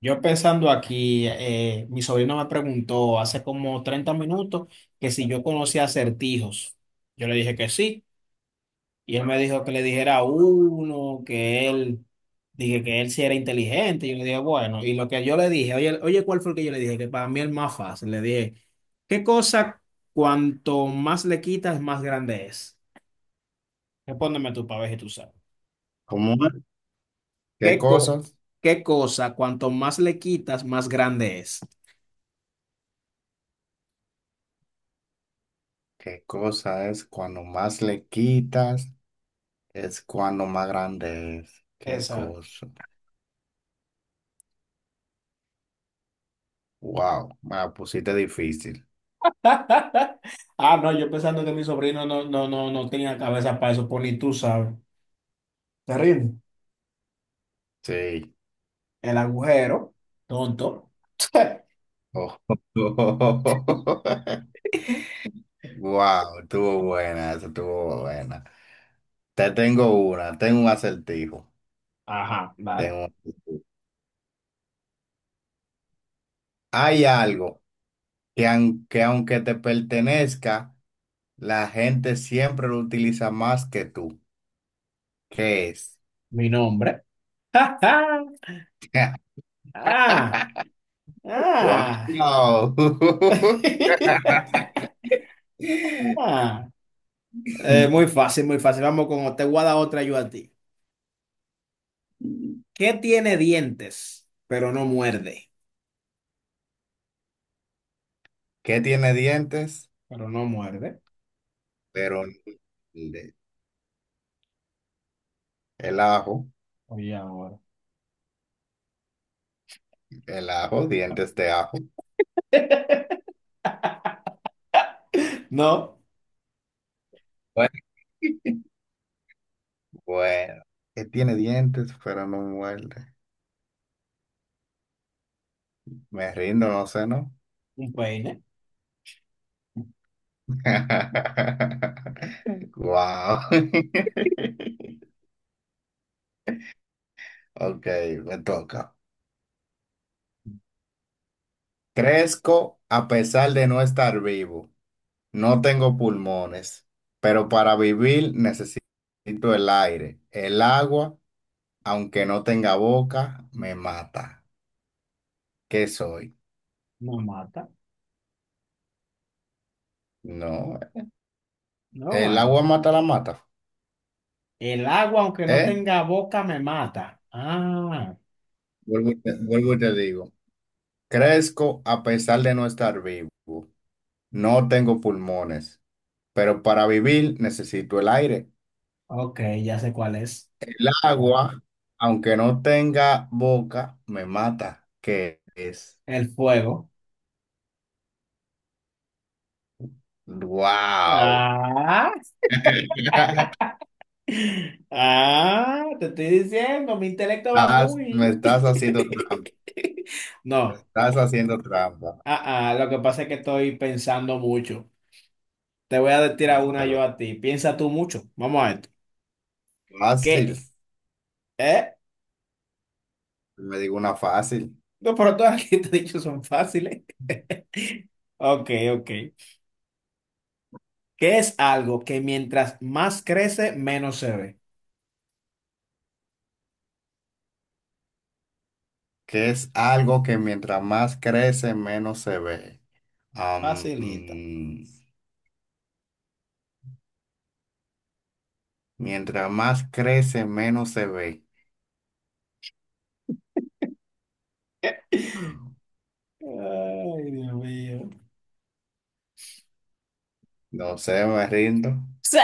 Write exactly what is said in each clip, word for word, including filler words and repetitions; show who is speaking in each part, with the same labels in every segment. Speaker 1: Yo pensando aquí, eh, mi sobrino me preguntó hace como treinta minutos que si yo conocía acertijos. Yo le dije que sí, y él me dijo que le dijera uno, que él, dije que él sí era inteligente. Yo le dije, bueno, y lo que yo le dije, oye, oye, ¿cuál fue el que yo le dije? Que para mí el más fácil. Le dije, ¿qué cosa cuanto más le quitas, más grande es? Respóndeme tú para ver si tú sabes.
Speaker 2: ¿Cómo es? ¿Qué
Speaker 1: ¿Qué co-
Speaker 2: cosas?
Speaker 1: ¿Qué cosa cuanto más le quitas, más grande es?
Speaker 2: ¿Qué cosa es cuando más le quitas? Es cuando más grande es. ¿Qué
Speaker 1: Exacto.
Speaker 2: cosa? Wow, me la pusiste difícil.
Speaker 1: Ah, no, yo pensando que mi sobrino no, no, no, no tenía cabeza para eso, pues ni tú sabes. Terrible.
Speaker 2: Sí.
Speaker 1: El agujero, tonto.
Speaker 2: Oh. Wow, estuvo buena, eso estuvo buena. Te tengo una, tengo un acertijo.
Speaker 1: Ajá, vale.
Speaker 2: Tengo un acertijo. Hay algo que aunque, aunque te pertenezca, la gente siempre lo utiliza más que tú. ¿Qué es?
Speaker 1: Mi nombre. Ah, ah.
Speaker 2: ¡Wow!
Speaker 1: Ah. Eh, muy fácil, muy fácil. Vamos con otra. Te voy a dar otra yo a ti. ¿Qué tiene dientes, pero no muerde?
Speaker 2: ¿Qué tiene dientes?
Speaker 1: Pero no muerde.
Speaker 2: Pero no de- el ajo,
Speaker 1: Oye, ahora.
Speaker 2: el ajo, dientes de ajo.
Speaker 1: No,
Speaker 2: Bueno, bueno. ¿Qué tiene dientes pero no muerde? Me rindo, no sé, ¿no?
Speaker 1: un peine,
Speaker 2: Wow. Ok, me toca. Crezco a pesar de no estar vivo. No tengo pulmones, pero para vivir necesito el aire. El agua, aunque no tenga boca, me mata. ¿Qué soy?
Speaker 1: no mata,
Speaker 2: No,
Speaker 1: no
Speaker 2: el agua
Speaker 1: algo.
Speaker 2: mata la mata.
Speaker 1: El agua, aunque no
Speaker 2: ¿Eh?
Speaker 1: tenga boca, me mata. Ah,
Speaker 2: Vuelvo y te, vuelvo y te digo. Crezco a pesar de no estar vivo. No tengo pulmones, pero para vivir necesito el aire.
Speaker 1: ok, ya sé cuál es.
Speaker 2: El agua, aunque no tenga boca, me mata. ¿Qué es?
Speaker 1: El fuego.
Speaker 2: ¡Wow!
Speaker 1: Ah, ah, te estoy diciendo, mi intelecto va
Speaker 2: Estás- me
Speaker 1: muy.
Speaker 2: estás haciendo trampa,
Speaker 1: No,
Speaker 2: estás haciendo trampa.
Speaker 1: ah, ah, lo que pasa es que estoy pensando mucho. Te voy a tirar una yo
Speaker 2: Pero
Speaker 1: a ti. Piensa tú mucho. Vamos a esto.
Speaker 2: fácil,
Speaker 1: ¿Qué? ¿Eh?
Speaker 2: me digo una fácil,
Speaker 1: No, pero todas las que te he dicho son fáciles. Ok, ok. ¿Qué es algo que mientras más crece, menos se ve?
Speaker 2: que es algo que mientras más crece, menos se ve. Am,
Speaker 1: Facilita.
Speaker 2: mm, mientras más crece, menos se ve.
Speaker 1: Ay, Dios mío.
Speaker 2: No sé, me rindo.
Speaker 1: Sí.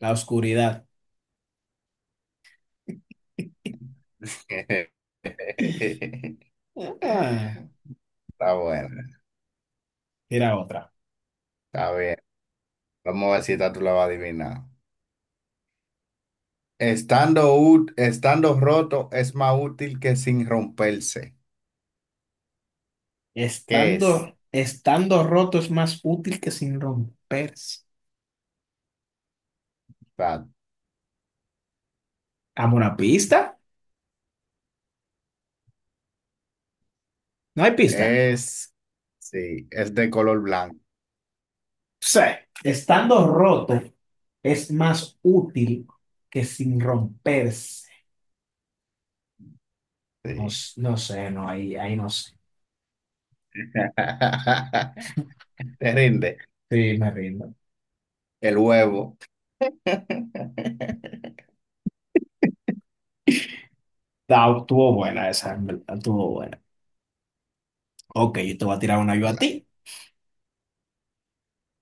Speaker 1: La oscuridad.
Speaker 2: Está
Speaker 1: Ah,
Speaker 2: bueno,
Speaker 1: mira otra.
Speaker 2: está bien. Vamos a ver si esta tú la vas a adivinar. Estando, ú- estando roto es más útil que sin romperse. ¿Qué es?
Speaker 1: Estando, estando roto es más útil que sin romperse.
Speaker 2: Está
Speaker 1: ¿A una pista? No hay pista.
Speaker 2: Es, sí, es de color blanco.
Speaker 1: Sí. Estando roto es más útil que sin romperse. No,
Speaker 2: Sí.
Speaker 1: s- no sé, no, ahí, ahí no sé.
Speaker 2: Te rinde.
Speaker 1: Sí, me rindo.
Speaker 2: El huevo.
Speaker 1: Ah, estuvo buena esa, en verdad, estuvo buena. Ok, yo te voy a tirar una yo a
Speaker 2: Claro.
Speaker 1: ti.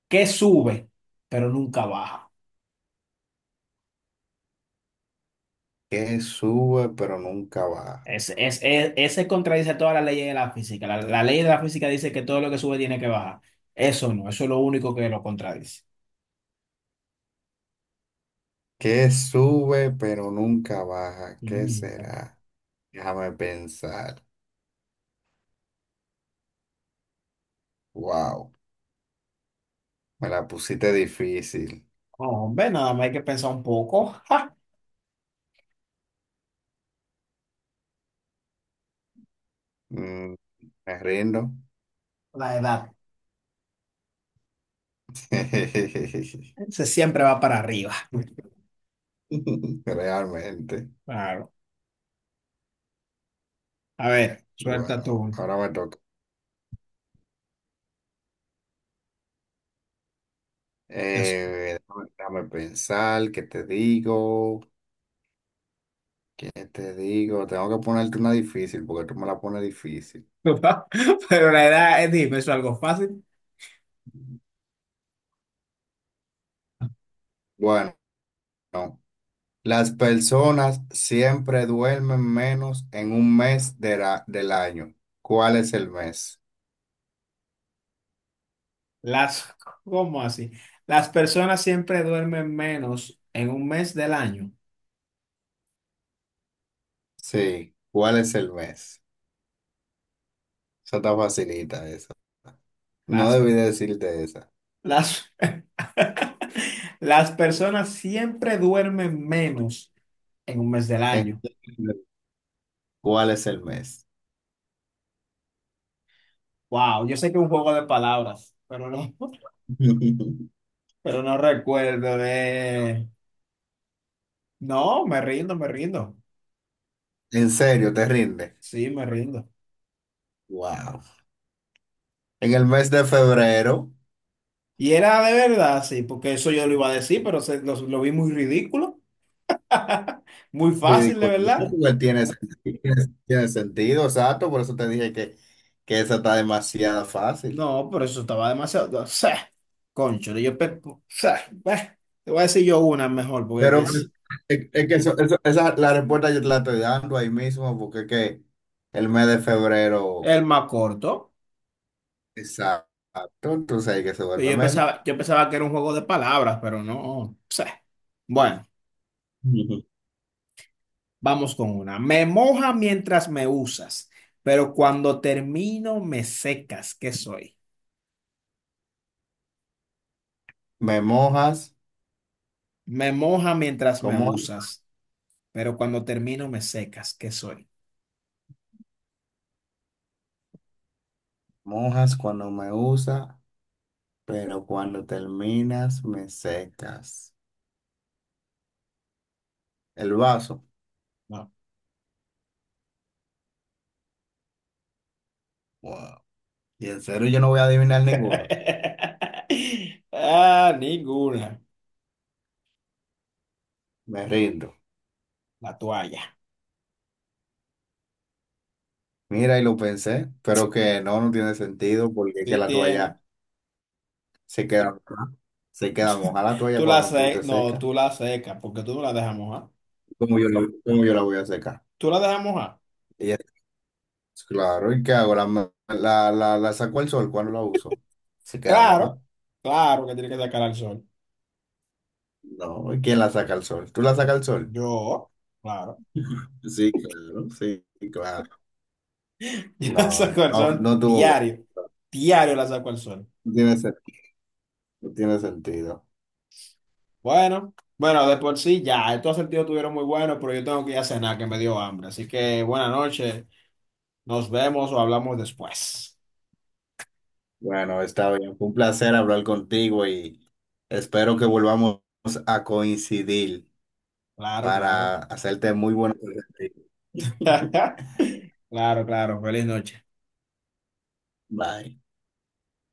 Speaker 1: Que sube, pero nunca baja.
Speaker 2: Que sube pero nunca baja.
Speaker 1: Es, es, es- ese contradice todas las leyes de la física. La, la ley de la física dice que todo lo que sube tiene que bajar. Eso no, eso es lo único que lo contradice.
Speaker 2: Que sube pero nunca baja. ¿Qué
Speaker 1: Nunca.
Speaker 2: será? Déjame pensar. Wow, me la pusiste difícil.
Speaker 1: Hombre, nada más hay que pensar un poco. ¡Ja!
Speaker 2: Mm, me rindo.
Speaker 1: La edad. Se siempre va para arriba.
Speaker 2: Realmente.
Speaker 1: Claro. A ver, suelta
Speaker 2: Bueno,
Speaker 1: tú.
Speaker 2: ahora me toca.
Speaker 1: Eso.
Speaker 2: Eh, déjame, déjame pensar, ¿qué te digo? ¿Qué te digo? Tengo que ponerte una difícil porque tú me la pones difícil.
Speaker 1: Pero la edad, eh, dime, ¿eso es algo fácil?
Speaker 2: Bueno, las personas siempre duermen menos en un mes de la- del año. ¿Cuál es el mes?
Speaker 1: Las, ¿cómo así? Las personas siempre duermen menos en un mes del año.
Speaker 2: Sí, ¿cuál es el mes? Eso está facilita, esa. No
Speaker 1: Las,
Speaker 2: debí decirte esa.
Speaker 1: las Las personas siempre duermen menos en un mes del año.
Speaker 2: Entiende ¿cuál es el mes?
Speaker 1: Wow, yo sé que es un juego de palabras, pero no, pero no recuerdo de... No, me rindo, me rindo.
Speaker 2: ¿En serio, te rinde?
Speaker 1: Sí, me rindo.
Speaker 2: Wow. En el mes de febrero.
Speaker 1: Y era de verdad, sí, porque eso yo lo iba a decir, pero se- lo, lo vi muy ridículo, muy fácil, de
Speaker 2: Ridiculito,
Speaker 1: verdad.
Speaker 2: igual tiene, sentido, tiene tiene sentido, exacto, por eso te dije que, que esa está demasiado fácil.
Speaker 1: No, pero eso estaba demasiado... O sea, concho, yo... pe- o sea, bah, te voy a decir yo una mejor, porque que
Speaker 2: Pero pues,
Speaker 1: es
Speaker 2: es, es que eso- eso- esa, la respuesta yo te la estoy dando ahí mismo, porque es que el mes de febrero,
Speaker 1: el más corto.
Speaker 2: exacto, entonces ahí que se
Speaker 1: Pero
Speaker 2: vuelve
Speaker 1: Yo
Speaker 2: menos.
Speaker 1: pensaba, yo pensaba que era un juego de palabras, pero no. Pse. Bueno,
Speaker 2: Ujú.
Speaker 1: vamos con una. Me moja mientras me usas, pero cuando termino me secas. ¿Qué soy?
Speaker 2: Me mojas,
Speaker 1: Me moja mientras me
Speaker 2: como
Speaker 1: usas, pero cuando termino me secas. ¿Qué soy?
Speaker 2: Mojas cuando me usa, pero cuando terminas me secas. El vaso,
Speaker 1: No.
Speaker 2: wow. Y en serio yo no voy a adivinar ninguno,
Speaker 1: Ah, ninguna.
Speaker 2: me rindo.
Speaker 1: La toalla.
Speaker 2: Mira, y lo pensé, pero que no, no tiene sentido porque es que
Speaker 1: Sí
Speaker 2: la
Speaker 1: tiene.
Speaker 2: toalla se queda, mojada, se queda moja la toalla
Speaker 1: Tú la
Speaker 2: cuando tú
Speaker 1: se
Speaker 2: te
Speaker 1: No,
Speaker 2: secas.
Speaker 1: tú la secas porque tú no la dejas mojar.
Speaker 2: ¿Cómo yo la, ¿cómo yo la voy a secar?
Speaker 1: Tú la dejas mojar.
Speaker 2: Y es claro, ¿y qué hago? ¿La, ma- la, la, la saco al sol cuando la uso? ¿Se queda moja?
Speaker 1: Claro, claro que tiene que sacar al sol.
Speaker 2: No, ¿y quién la saca al sol? ¿Tú la sacas al sol?
Speaker 1: Yo, claro.
Speaker 2: Sí, claro, sí, claro.
Speaker 1: Yo la
Speaker 2: No,
Speaker 1: saco al
Speaker 2: no,
Speaker 1: sol
Speaker 2: no tuvo bueno.
Speaker 1: diario. Diario la saco al sol.
Speaker 2: No tiene, sen- no tiene sentido.
Speaker 1: Bueno, bueno, de por sí ya. Estos sentidos estuvieron muy buenos, pero yo tengo que ir a cenar, que me dio hambre. Así que buenas noches. Nos vemos o hablamos después.
Speaker 2: Bueno, está bien. Fue un placer hablar contigo y espero que volvamos a coincidir.
Speaker 1: Claro,
Speaker 2: Para
Speaker 1: claro.
Speaker 2: hacerte muy buena.
Speaker 1: Claro, claro. Feliz noche.
Speaker 2: Bye.